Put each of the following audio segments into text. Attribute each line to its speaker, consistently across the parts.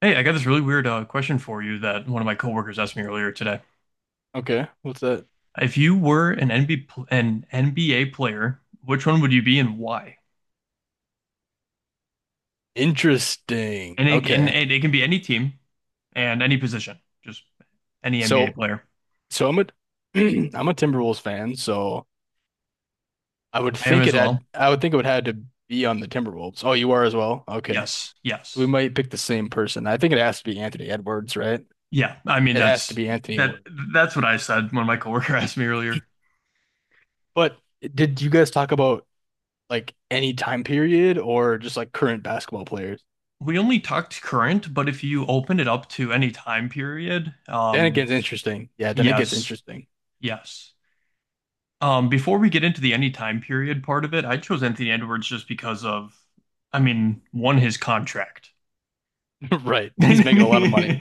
Speaker 1: Hey, I got this really weird question for you that one of my coworkers asked me earlier today.
Speaker 2: Okay, what's that?
Speaker 1: If you were an NBA pl- an NBA player, which one would you be and why?
Speaker 2: Interesting.
Speaker 1: And it, and
Speaker 2: Okay.
Speaker 1: it, it can be any team and any position, just any NBA
Speaker 2: So
Speaker 1: player.
Speaker 2: so I'm a I'm a Timberwolves fan, so
Speaker 1: I am as well.
Speaker 2: I would think it would had to be on the Timberwolves. Oh, you are as well? Okay.
Speaker 1: Yes,
Speaker 2: So we
Speaker 1: yes,
Speaker 2: might pick the same person. I think it has to be Anthony Edwards, right?
Speaker 1: yeah. I mean,
Speaker 2: It has to
Speaker 1: that's
Speaker 2: be Anthony
Speaker 1: that.
Speaker 2: Edwards.
Speaker 1: That's what I said when my coworker asked me earlier.
Speaker 2: But did you guys talk about like any time period or just like current basketball players?
Speaker 1: We only talked current, but if you open it up to any time period,
Speaker 2: Then it gets interesting. Yeah, then it gets
Speaker 1: yes,
Speaker 2: interesting.
Speaker 1: yes. Before we get into the any time period part of it, I chose Anthony Edwards just because of, I mean, one, his contract,
Speaker 2: Right.
Speaker 1: but
Speaker 2: He's making a lot of money.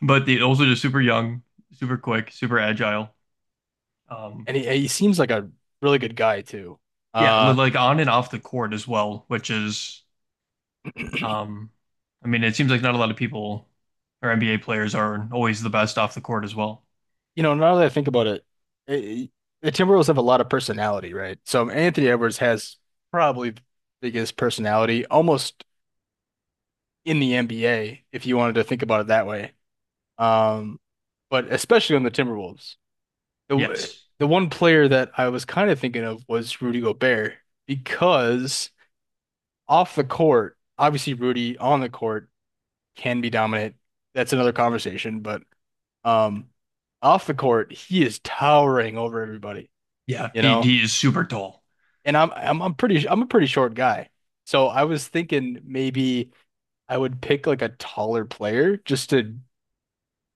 Speaker 1: also just super young, super quick, super agile. Um,
Speaker 2: And he seems like a really good guy too.
Speaker 1: yeah,
Speaker 2: Uh
Speaker 1: like on and off the court as well, which is, um, I mean, it seems like not a lot of people or NBA players are always the best off the court as well.
Speaker 2: now that I think about it, eh, the Timberwolves have a lot of personality, right? So Anthony Edwards has probably the biggest personality, almost in the NBA, if you wanted to think about it that way. Um, but especially on the Timberwolves, the
Speaker 1: Yes.
Speaker 2: the one player that I was kind of thinking of was Rudy Gobert because off the court, obviously Rudy on the court can be dominant. That's another conversation, but um, off the court, he is towering over everybody.
Speaker 1: Yeah.
Speaker 2: You
Speaker 1: He,
Speaker 2: know,
Speaker 1: he is super tall.
Speaker 2: and I'm a pretty short guy. So I was thinking maybe I would pick like a taller player just to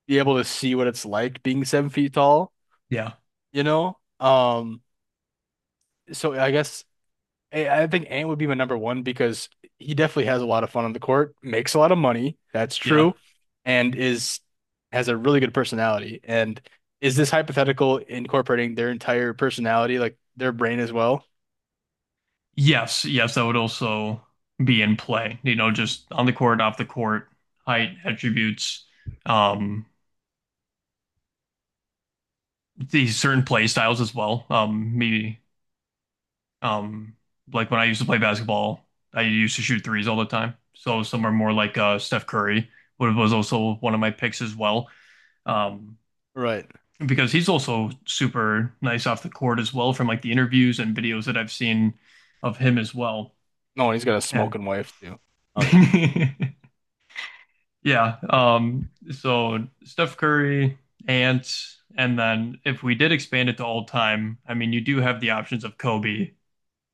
Speaker 2: be able to see what it's like being 7 feet tall,
Speaker 1: Yeah.
Speaker 2: you know? So I guess I think Ant would be my number one because he definitely has a lot of fun on the court, makes a lot of money, that's
Speaker 1: Yeah.
Speaker 2: true, and is has a really good personality. And is this hypothetical incorporating their entire personality, like their brain as well?
Speaker 1: Yes, yes, that would also be in play. You know, just on the court, off the court, height, attributes, um, these certain play styles as well. Me, um, like when I used to play basketball, I used to shoot threes all the time. So some are more like Steph Curry, who was also one of my picks as well. Um,
Speaker 2: Right.
Speaker 1: because he's also super nice off the court as well from like the interviews and videos that I've seen of him as well.
Speaker 2: No, he's got a
Speaker 1: And
Speaker 2: smoking wife too.
Speaker 1: yeah. So Steph Curry, Ant, and then if we did expand it to all time, I mean, you do have the options of Kobe,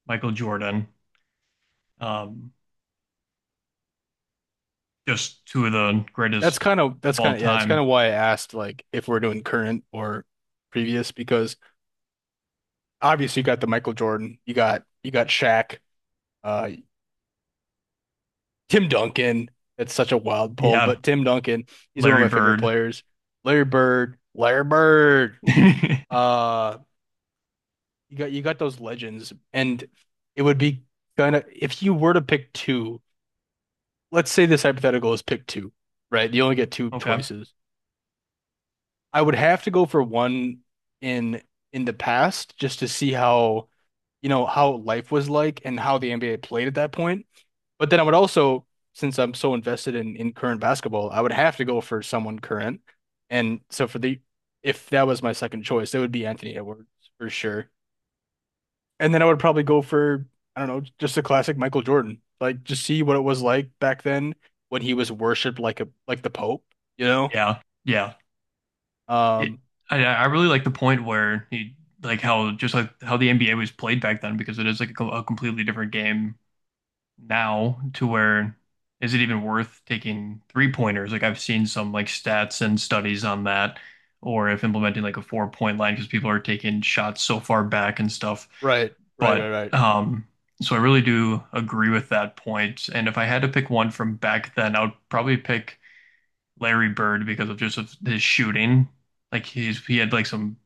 Speaker 1: Michael Jordan, um, just two of the greatest of
Speaker 2: That's
Speaker 1: all
Speaker 2: kind of yeah, it's kind
Speaker 1: time.
Speaker 2: of why I asked like if we're doing current or previous because obviously you got the Michael Jordan, you got Shaq, uh Tim Duncan. That's such a wild pull,
Speaker 1: Yeah.
Speaker 2: but Tim Duncan, he's one of
Speaker 1: Larry
Speaker 2: my favorite
Speaker 1: Bird.
Speaker 2: players. Larry Bird, Larry Bird. Uh you got those legends and it would be kind of if you were to pick two, let's say this hypothetical is pick two, right? You only get two
Speaker 1: Okay.
Speaker 2: choices. I would have to go for one in in the past just to see how, how life was like and how the NBA played at that point. But then I would also, since I'm so invested in current basketball, I would have to go for someone current. And so for the if that was my second choice, it would be Anthony Edwards for sure. And then I would probably go for, I don't know, just a classic Michael Jordan. Like just see what it was like back then when he was worshipped like the Pope, you know?
Speaker 1: Yeah. Yeah. It,
Speaker 2: Um,
Speaker 1: I really like the point where like how, just like how the NBA was played back then, because it is like a completely different game now to where is it even worth taking three pointers? Like I've seen some like stats and studies on that, or if implementing like a 4-point line because people are taking shots so far back and stuff.
Speaker 2: right, right, right,
Speaker 1: But
Speaker 2: right.
Speaker 1: so I really do agree with that point. And if I had to pick one from back then, I would probably pick Larry Bird because of just of his shooting. Like he had like some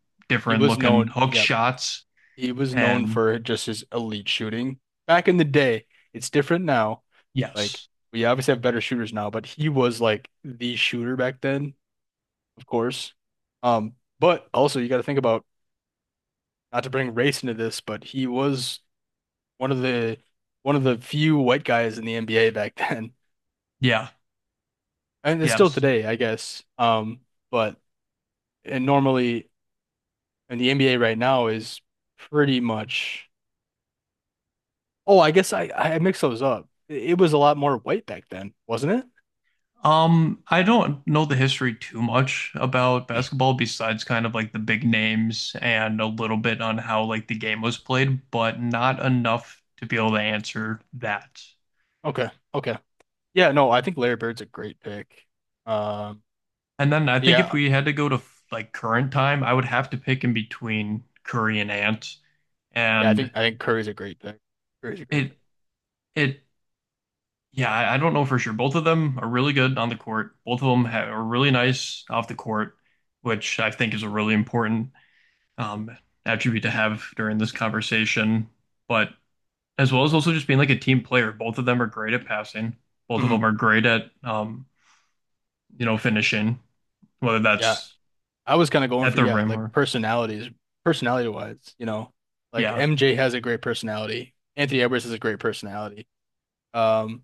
Speaker 2: He
Speaker 1: different
Speaker 2: was
Speaker 1: looking
Speaker 2: known,
Speaker 1: hook
Speaker 2: yep,
Speaker 1: shots
Speaker 2: he was known
Speaker 1: and
Speaker 2: for just his elite shooting. Back in the day, it's different now. Like
Speaker 1: yes,
Speaker 2: we obviously have better shooters now, but he was like the shooter back then, of course. Um, but also you got to think about not to bring race into this, but he was one of the one of the few white guys in the NBA back then,
Speaker 1: yeah,
Speaker 2: and it's still
Speaker 1: yes.
Speaker 2: today, I guess. But and normally, and the NBA right now is pretty much. Oh, I guess I mixed those up. It was a lot more white back then, wasn't it?
Speaker 1: I don't know the history too much about basketball besides kind of like the big names and a little bit on how like the game was played, but not enough to be able to answer that.
Speaker 2: Okay, okay. Yeah, no, I think Larry Bird's a great pick. Um,
Speaker 1: And then I think if
Speaker 2: yeah,
Speaker 1: we had to go to like current time, I would have to pick in between Curry and Ant.
Speaker 2: yeah, I
Speaker 1: And
Speaker 2: think I think Curry's a great pick. Curry's a great
Speaker 1: it
Speaker 2: pick.
Speaker 1: it yeah, I don't know for sure. Both of them are really good on the court. Both of them ha are really nice off the court, which I think is a really important um, attribute to have during this conversation. But as well as also just being like a team player, both of them are great at passing. Both of
Speaker 2: Hmm.
Speaker 1: them are great at finishing, whether
Speaker 2: Yeah,
Speaker 1: that's
Speaker 2: I was kind of going
Speaker 1: at
Speaker 2: for
Speaker 1: the
Speaker 2: yeah,
Speaker 1: rim
Speaker 2: like
Speaker 1: or
Speaker 2: personalities, personality wise, like
Speaker 1: yeah,
Speaker 2: MJ has a great personality. Anthony Edwards has a great personality. Um,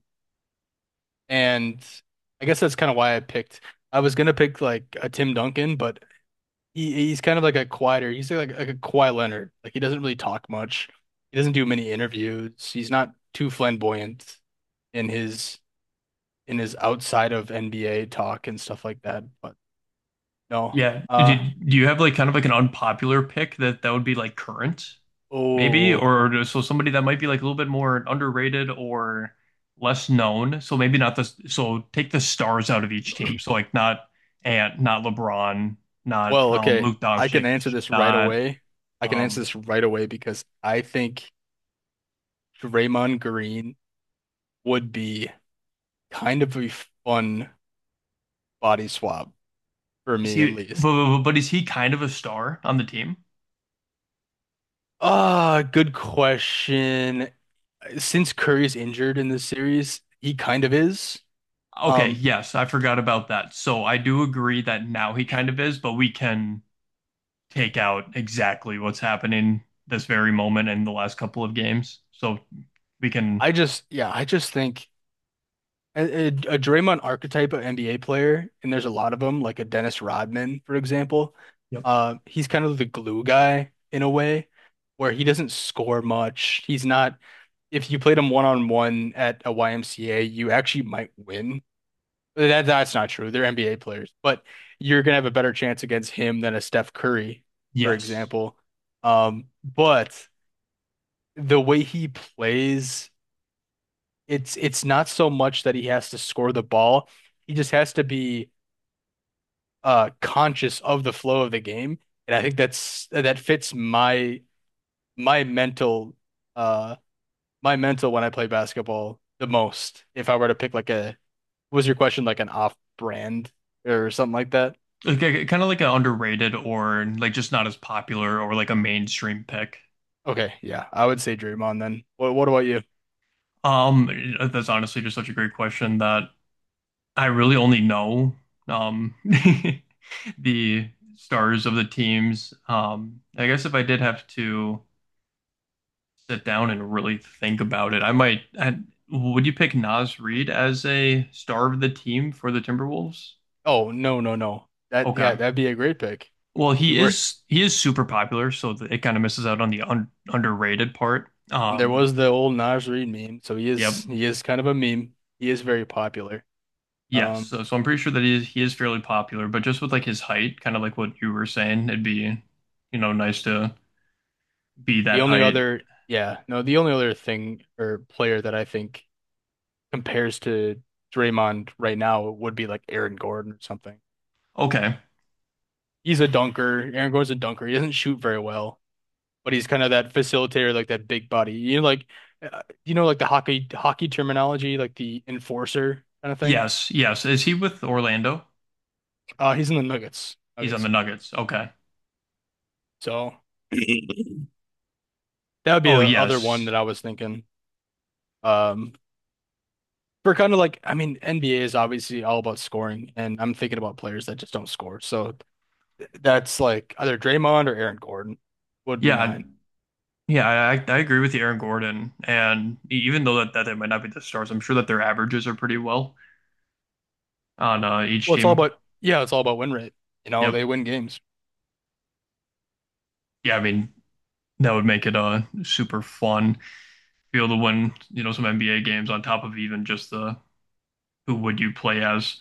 Speaker 2: and I guess that's kind of why I picked. I was gonna pick like a Tim Duncan, but he's kind of like a quieter. He's like a quiet Leonard. Like he doesn't really talk much. He doesn't do many interviews. He's not too flamboyant in his in his outside of NBA talk and stuff like that. But no.
Speaker 1: yeah.
Speaker 2: Uh
Speaker 1: Did Do you have like kind of like an unpopular pick that would be like current? Maybe,
Speaker 2: oh.
Speaker 1: or so somebody that might be like a little bit more underrated or less known. So maybe not the so take the stars out of each team. So like not Ant, not LeBron, not
Speaker 2: Well, okay.
Speaker 1: Luke
Speaker 2: I can
Speaker 1: Doncic,
Speaker 2: answer this right
Speaker 1: not
Speaker 2: away. I can answer
Speaker 1: um.
Speaker 2: this right away because I think Draymond Green would be kind of a fun body swap for
Speaker 1: Is
Speaker 2: me at
Speaker 1: he?
Speaker 2: least.
Speaker 1: But, is he kind of a star on the team?
Speaker 2: Ah, good question. Since Curry's injured in this series, he kind of is.
Speaker 1: Okay,
Speaker 2: Um,
Speaker 1: yes, I forgot about that. So I do agree that now he kind of is, but we can take out exactly what's happening this very moment in the last couple of games. So we can.
Speaker 2: yeah, I just think a Draymond archetype of NBA player, and there's a lot of them, like a Dennis Rodman, for example.
Speaker 1: Yep.
Speaker 2: He's kind of the glue guy in a way, where he doesn't score much. He's not. If you played him one on one at a YMCA, you actually might win. That's not true. They're NBA players, but you're gonna have a better chance against him than a Steph Curry, for
Speaker 1: Yes.
Speaker 2: example. But the way he plays, it's not so much that he has to score the ball. He just has to be conscious of the flow of the game. And I think that fits my mental uh my mental when I play basketball the most. If I were to pick like a, was your question like an off brand or something like that?
Speaker 1: Like, kind of like an underrated or like just not as popular or like a mainstream pick.
Speaker 2: Okay, yeah, I would say Draymond then. What about you?
Speaker 1: That's honestly just such a great question that I really only know um the stars of the teams. I guess if I did have to sit down and really think about it, I might. Would you pick Nas Reed as a star of the team for the Timberwolves?
Speaker 2: Oh no no no. That yeah,
Speaker 1: Okay.
Speaker 2: that'd be a great pick.
Speaker 1: Well,
Speaker 2: If he
Speaker 1: he
Speaker 2: were
Speaker 1: is he is super popular, so it kind of misses out on the un underrated part.
Speaker 2: and there was the old Naj Reid meme, so he
Speaker 1: Yep.
Speaker 2: is he is kind of a meme. He is very popular.
Speaker 1: Yes,
Speaker 2: Um
Speaker 1: so I'm pretty sure that he is, fairly popular, but just with like his height, kind of like what you were saying, it'd be, nice to be
Speaker 2: the
Speaker 1: that
Speaker 2: only
Speaker 1: height.
Speaker 2: other yeah, no, the only other thing or player that I think compares to Draymond right now would be like Aaron Gordon or something.
Speaker 1: Okay.
Speaker 2: He's a dunker. Aaron Gordon's a dunker. He doesn't shoot very well. But he's kind of that facilitator, like that big buddy. Like like the hockey terminology, like the enforcer kind of thing.
Speaker 1: Yes, yes. Is he with Orlando?
Speaker 2: He's in the Nuggets.
Speaker 1: He's on the
Speaker 2: Nuggets.
Speaker 1: Nuggets. Okay.
Speaker 2: So that would be
Speaker 1: Oh
Speaker 2: the other one
Speaker 1: yes.
Speaker 2: that I was thinking. Um, for kind of like, I mean, NBA is obviously all about scoring, and I'm thinking about players that just don't score. So that's like either Draymond or Aaron Gordon would be
Speaker 1: Yeah,
Speaker 2: mine.
Speaker 1: yeah. I agree with you, Aaron Gordon. And even though that they might not be the stars, I'm sure that their averages are pretty well on each
Speaker 2: Well, it's all
Speaker 1: team.
Speaker 2: about, yeah, it's all about win rate. You know,
Speaker 1: Yep.
Speaker 2: they win games.
Speaker 1: Yeah, I mean that would make it super fun. Be able to win, some NBA games on top of even just the who would you play as.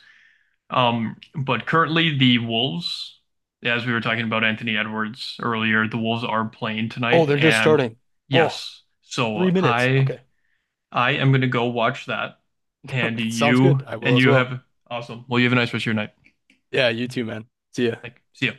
Speaker 1: But currently the Wolves, as we were talking about Anthony Edwards earlier, the Wolves are playing
Speaker 2: Oh,
Speaker 1: tonight,
Speaker 2: they're just
Speaker 1: and
Speaker 2: starting. Oh,
Speaker 1: yes,
Speaker 2: three
Speaker 1: so
Speaker 2: minutes.
Speaker 1: I
Speaker 2: Okay.
Speaker 1: I am gonna go watch that,
Speaker 2: Sounds good. I will
Speaker 1: and
Speaker 2: as
Speaker 1: you
Speaker 2: well.
Speaker 1: have awesome. Well, you have a nice rest of your night.
Speaker 2: Yeah, you too, man. See ya.
Speaker 1: Like, see ya.